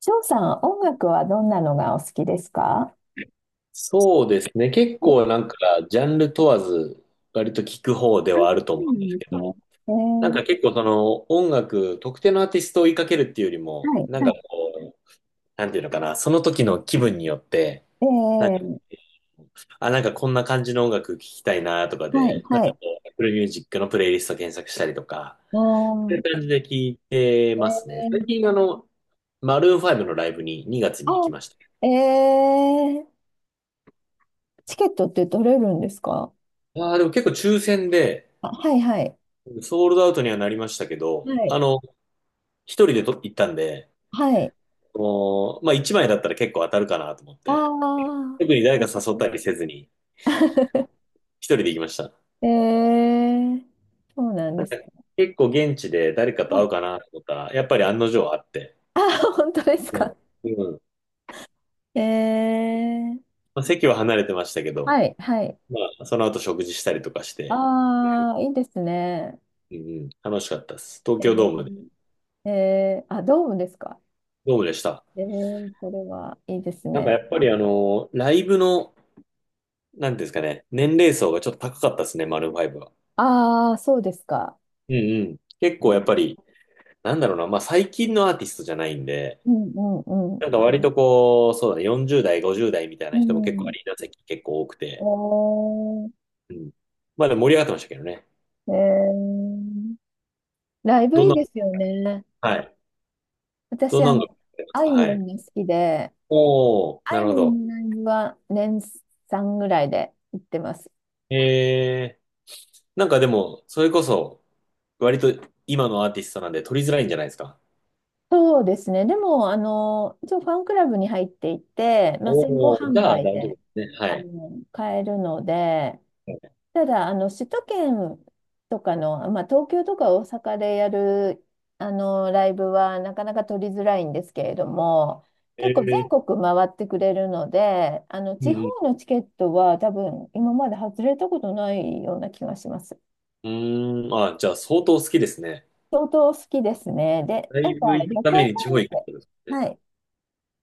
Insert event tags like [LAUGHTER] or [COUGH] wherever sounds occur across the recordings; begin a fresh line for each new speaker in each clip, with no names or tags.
翔さん、音楽はどんなのがお好きですか？
そうですね。結
はい、
構なんか、ジャンル問わず、割と聞く方で
あ、
はあると
そ
思
うな
うんです
んで
け
すね。
ど、
え
なん
ー、
か結構その音楽、特定のアーティストを追いかけるっていうよりも、
はい、
なん
は
か
い、
こう、なんていうのかな、その時の気分によって、
え
なんか、
ー、
あ、なんかこんな感じの音楽聞きたいなとか
はい、
で、なん
は
か
い。
こう、Apple Music のプレイリスト検索したりとか、
う
そう
ー
いう
ん、
感じで聞いて
え
ますね。最
ー、
近あの、マルーン5のライブに2月に行
あ、
きました。
えー、チケットって取れるんですか？
ああ、でも結構抽選で、
あ、はい、はい、
ソールドアウトにはなりましたけど、
はい、
あの、一人でと行ったんで、
はい。
もう、まあ一枚だったら結構当たるかなと思っ
あ
て、
あ、
特に誰
な
か
るほ
誘っ
ど。
たりせずに、
[LAUGHS]
一人で行きました。
えー、そうなんですか。
結構現地で誰か
は
と会う
い、
かなと思ったら、やっぱり
はい。
案の定会って、
あ、本当です
う
か。
ん。うん。
えー、
まあ、席は離れてましたけど、
はい、はい。
まあその後食事したりとかして、
ああ、いいですね。
うんうん、楽しかったです。東
え
京ドームで、
ー、ドームですか。
ドームでした。
それはいいです
なんか
ね。
やっぱりあの、ライブの、なんていうんですかね、年齢層がちょっと高かったですね、マルーンファイブは。
ああ、そうですか。
うんうん。結
う
構やっ
ん
ぱり、なんだろうな、まあ最近のアーティストじゃないんで、
うんうんうん。
なんか割とこう、そうだね、40代、50代みたいな人も結構アリーナ席結構多くて、
お
うん。まあでも盛り上がってましたけどね。
ー、えー、ライブ
どん
いい
な、
ですよね。
はい。ど
私、
んなのがあります
あ
か
いみ
は
ょ
い。
んが好きで、
おー、
あ
な
い
るほ
みょ
ど。
んのライブは年3ぐらいで行ってます。
えー、なんかでも、それこそ、割と今のアーティストなんで取りづらいんじゃないですか。
そうですね。でも、一応ファンクラブに入っていて、まあ、先行
おー、じ
販
ゃあ大
売
丈夫
で
ですね。はい。
買えるので、ただ、首都圏とかの、まあ、東京とか大阪でやる、ライブはなかなか取りづらいんですけれども、
え
結構全
ー、
国回ってくれるので、
う
地方
ん、
のチケットは多分今まで外れたことないような気がします。
うん。うーん、あ、じゃあ相当好きですね。
相当好きですね。で、
ラ
なん
イ
か
ブ行く
旅
ため
行フ
に地方
ァンっ
行くっ
て、
てことですね。
はい。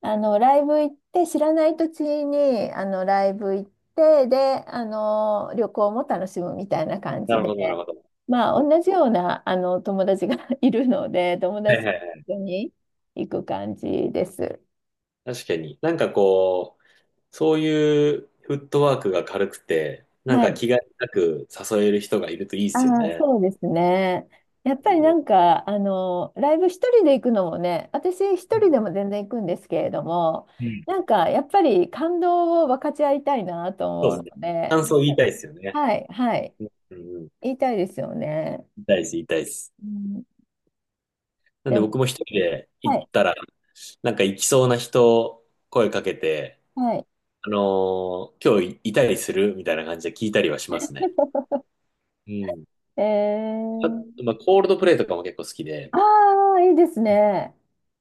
ライブ行って、知らない土地に、ライブ行って、で、旅行も楽しむみたいな感
な
じ
る
で、
ほど、なるほど。
まあ、
そっか
同じような、友達が [LAUGHS] いるので、友
はい
達
は
と
いはい。
一緒に行く感じです。
確かに。なんかこう、そういうフットワークが軽くて、なん
は
か
い。
気兼ねなく誘える人がいるといいですよ
ああ、
ね。
そうですね。やっ
う
ぱり
ん、
な
う
んか、ライブ一人で行くのもね、私一
ん
人でも全然行くんですけれども、
うん
なんか、やっぱり感動を分かち合いたいなと
そうで
思う
すね。
ので、
感想言いたいですよね。
はい、はい。
うんうん。
言いたいですよね。
言いたいです、言いたいです。
うん、
なん
で
で
も、
僕も一人で
は
行っ
い、
たら、なんか行きそうな人、声かけて、
はい。
あのー今日いたりするみたいな感じで聞いたりはしますね。
[LAUGHS]
うん。
え
あ、
ー、
まあ、コールドプレイとかも結構好きで、
ああ、いいですね。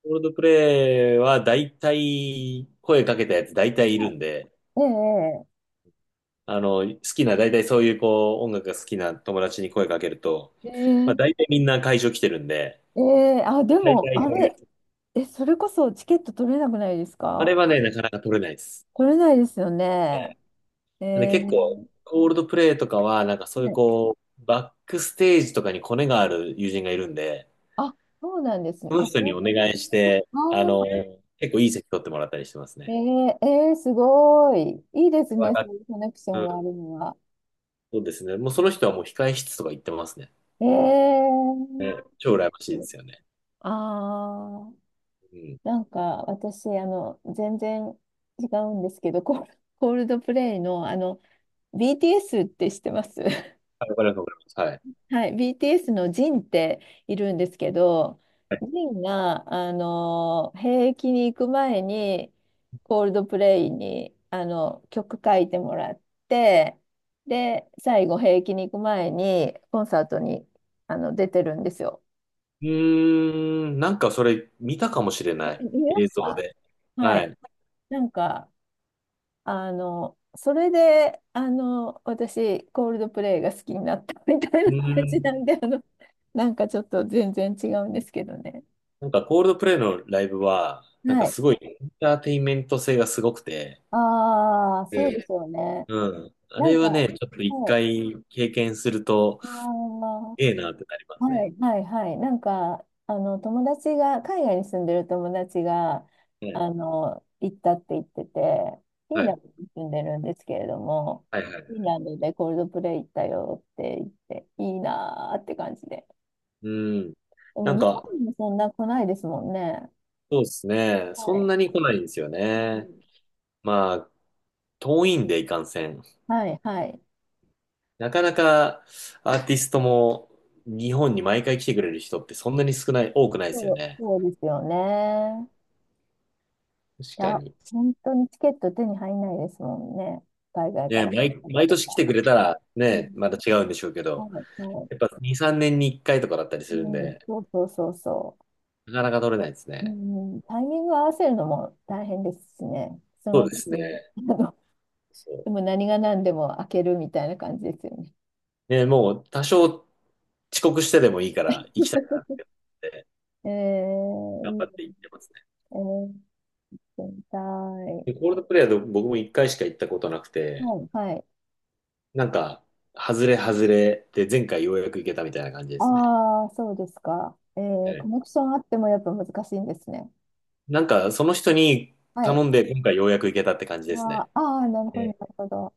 コールドプレイは大体、声かけたやつ大体いる
は
んで、
い。ね
あの、好きな、大体そういうこう、音楽が好きな友達に声かけると、
え、
まあ
え
大
え
体みんな会場来てるんで、
ええ、あ、で
大
も、
体
あ
こういう、
れ、え、それこそチケット取れなくないです
あれ
か？
はね、なかなか取れないです。
取れないですよ
は
ね。
い。で、
え
結構、
ー、
コールドプレイとかは、なんかそ
は
ういう
い。
こう、バックステージとかにコネがある友人がいるんで、
あ、そうなんですね。
その
あ、
人
そ
に
う
お
なんです。
願いして、あの、
あ
結構いい席取ってもらったりしてます
ー、え
ね。
えええすごい。いいです
わ
ね、
か
そ
っ
ういうコネクショ
う
ンがあ
ん、
るのは。
そうですね。もうその人はもう控え室とか行ってますね。
ええ。
ね、超羨ましいですよね。
ああー。
うん。
なんか私、全然違うんですけど、コールドプレイの、BTS って知ってます？ [LAUGHS]
あ、わかります、わかります。はい。
はい、BTS のジンっているんですけど、ジンが、兵役に行く前に、コールドプレイに、曲書いてもらって、で、最後、兵役に行く前に、コンサートに、出てるんですよ。
うーん、なんかそれ見たかもしれな
え、
い。
見ま
映
し
像
た？
で。
は
はい。
い。
う
なんか、それで、私、コールドプレイが好きになったみたいな
ー
感じなん
ん。
で、なんかちょっと全然違うんですけどね。
なんかコールドプレイのライブは、なん
は
か
い。
すごいエンターテインメント性がすごくて、
ああ、
え
そうで
え
すよね。
うん。あ
な
れ
んか、
は
は
ね、ちょっと一
い。
回経験すると、
ああ、
ええなってなります
は
ね。
い。はいはい。なんか、友達が、海外に住んでる友達が、
ええ。
行ったって言ってて、フィ
は
ンラ
い。
ンドに住んでるんですけれども、
はいは
フィン
い。
ランドでコールドプレイ行ったよって言って、いいなーって感じで。
うん。
で
な
も
ん
日本
か、
にもそんな来ないですもんね。
そうですね。
は
そん
い。
なに来ないんですよ
は
ね。
い
まあ、遠いんでいかんせん。
はい、はい。
なかなかアーティストも日本に毎回来てくれる人ってそんなに少ない、多くないですよ
そう、
ね。
そうですよね。
確
い
か
や、
に。
本当にチケット手に入んないですもんね。海外か
ね、
ら来
毎、
た方
毎
と
年来
か。
てくれたら
う
ね、
ん、
また違うんでしょうけ
は
ど、
い、はい。
やっぱ2、3年に1回とかだったりするん
うん、
で、
そうそうそうそ
なかなか取れないです
う。
ね。
うん、タイミング合わせるのも大変ですしね。そ
そ
の
うで
時
すね。
に、あの
そう。
でも何が何でも開けるみたいな感じですよね。
ね、もう多少遅刻してでもいいから行きたいなっ
[LAUGHS]
て思って頑
いい
張
で
って
すね。
行ってますね。
行ってみたい。
でコールドプレイヤーで僕も1回しか行ったことなくて、
はい、はい。
なんか、外れ外れで前回ようやく行けたみたいな感じですね。
ああ、そうですか。コネクションあってもやっぱ難しいんですね。
なんか、その人に
はい。
頼んで、今回ようやく行けたって感じです
あ
ね。
あ、あーなる
え
ほど、な
え、
るほど。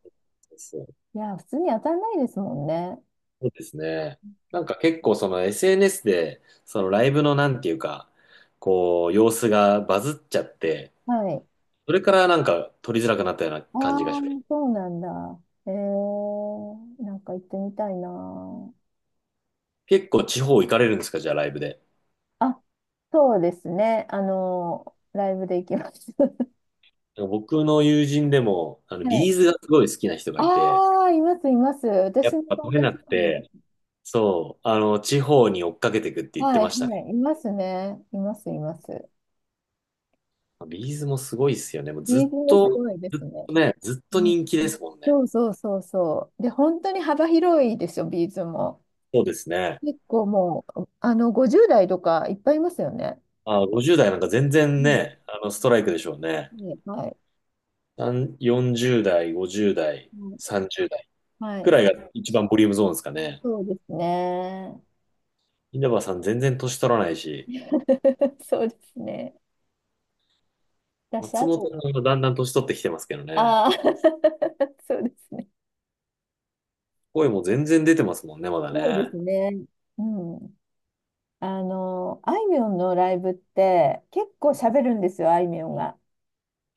そう、
いや、普通に当たんないですもんね。
そうですね。なんか結構その SNS で、そのライブのなんていうか、こう、様子がバズっちゃって、
はい。
それからなんか撮りづらくなったような
あ
感
あ、
じがします。
そうなんだ。なんか行ってみたいな。
結構地方行かれるんですか、じゃあライブで。
あ、そうですね。ライブで行きます。[LAUGHS]
僕の友人でも、あの、
はい。
ビーズがすごい好きな人がいて、
ああ、います、います。
や
私
っ
の
ぱ撮
友
れな
達
く
にも。
て、そう、あの、地方に追っかけてくって言って
はい、
ま
は
した。
い。いますね。います、います。
ビーズもすごいっすよね。もう
リー
ず
ズ
っ
もす
と、
ごいで
ずっ
すね。
とね、ずっと人気ですもんね。
そうそうそうそう。で、本当に幅広いですよ、ビーズも。
そうですね。
結構もう、50代とかいっぱいいますよね。
あ、50代なんか全
う
然
ん。
ね、あの、ストライクでしょうね。
ね、はい。
さん40代、50代、
うん、
30代
はい。は
く
い、
らいが一番ボリュームゾーンですかね。
そうですね。
稲葉さん全然年取らないし、
[LAUGHS] そうですね。私、
松
あ
本
と、
さんがだんだん年取ってきてますけどね。
ああ、[LAUGHS] そうですね。
声も全然出てますもんね、まだ
そうで
ね。
すね。うん。あいみょんのライブって結構喋るんですよ、あいみょんが。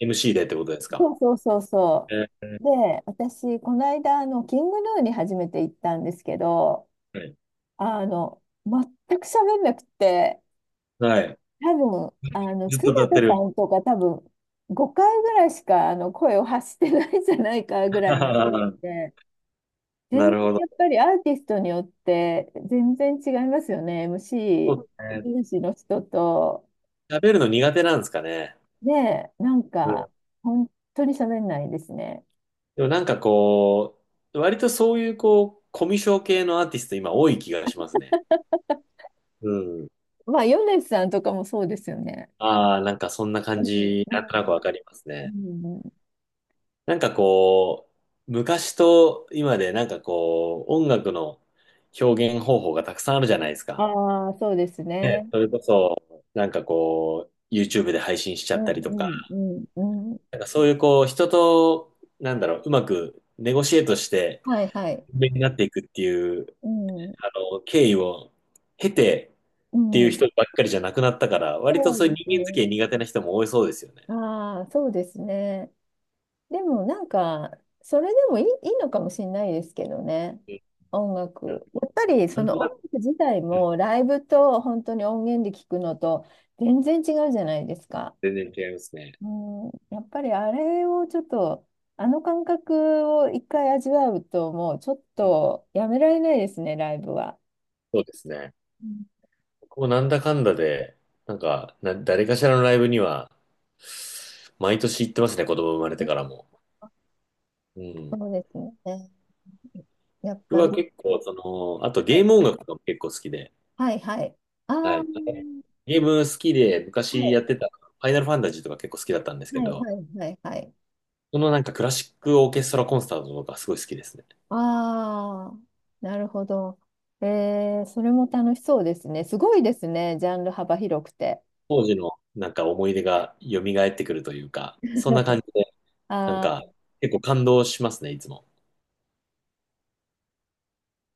MC でってことですか。
そうそうそうそ
えー
う。で、私、この間、キングヌーに初めて行ったんですけど、
はい。
全く喋んなくて、
はい。
多分、
ずっ
常
と歌って
田
る。
さんとか多分、5回ぐらいしか、声を発してないんじゃないかぐ
[LAUGHS]
らいなの
な
で、全
る
然
ほ
や
ど。
っぱりアーティストによって、全然違いますよね。
[LAUGHS] そうです ね。
MC の人と、
喋るの苦手なんですかね。
ねえ、なん
う
か、
ん。
本当に喋んないですね。
でもなんかこう、割とそういうこう、コミュ障系のアーティスト今多い気がしますね。うん。
まあ、米津さんとかもそうですよね。
ああ、なんかそんな
う
感
ん、
じ、
う
なんとなく
ん、
わかります
う
ね。
ん。
なんかこう、昔と今でなんかこう、音楽の表現方法がたくさんあるじゃないですか。
ああ、そうです
ね、
ね。
それこそ、なんかこう、YouTube で配信しちゃ
う
っ
ん、
たりとか、
うん、うん、うん。
なんかそういうこう、人と、なんだろう、うまくネゴシエートして、
はいはい。
有名になっていくっていう、
うん、
あの、経緯を経て、
う
っていう
ん。
人ばっかりじゃなくなったから、割と
そう
そう
で
いう
す
人間付
ね。
き合い苦手な人も多いそうですよね。
ああ、そうですね。でもなんか、それでもいい、いいのかもしれないですけどね。
うん。
音楽。やっぱり
な
そ
んと
の
なく、
音楽自体
うん、
もライブと本当に音源で聞くのと全然違うじゃないですか。
全然違いますね。
うん、やっぱりあれをちょっと、あの感覚を一回味わうともうちょっ
うん。
とやめられないですね、ライブは。
そうですね。
うん。
僕もなんだかんだで、なんか、誰かしらのライブには、毎年行ってますね、子供生まれてからも。うん。
そうですね。やっ
僕
ぱ
は
り。
結構、その、あと
は
ゲ
い
ーム音楽とかも結構好きで、
はいはい。ああ、
は
は
い。ゲーム好きで、昔
い
やってた、ファイナルファンタジーとか結構好きだったんですけ
は
ど、
いはいはいはい。
そのなんかクラシックオーケストラコンサートとかすごい好きですね。
ああ、なるほど。それも楽しそうですね。すごいですね、ジャンル幅広くて。
当時のなんか思い出が蘇ってくるというか、そんな感じで、なん
あ
か
ー
結構感動しますね、いつも。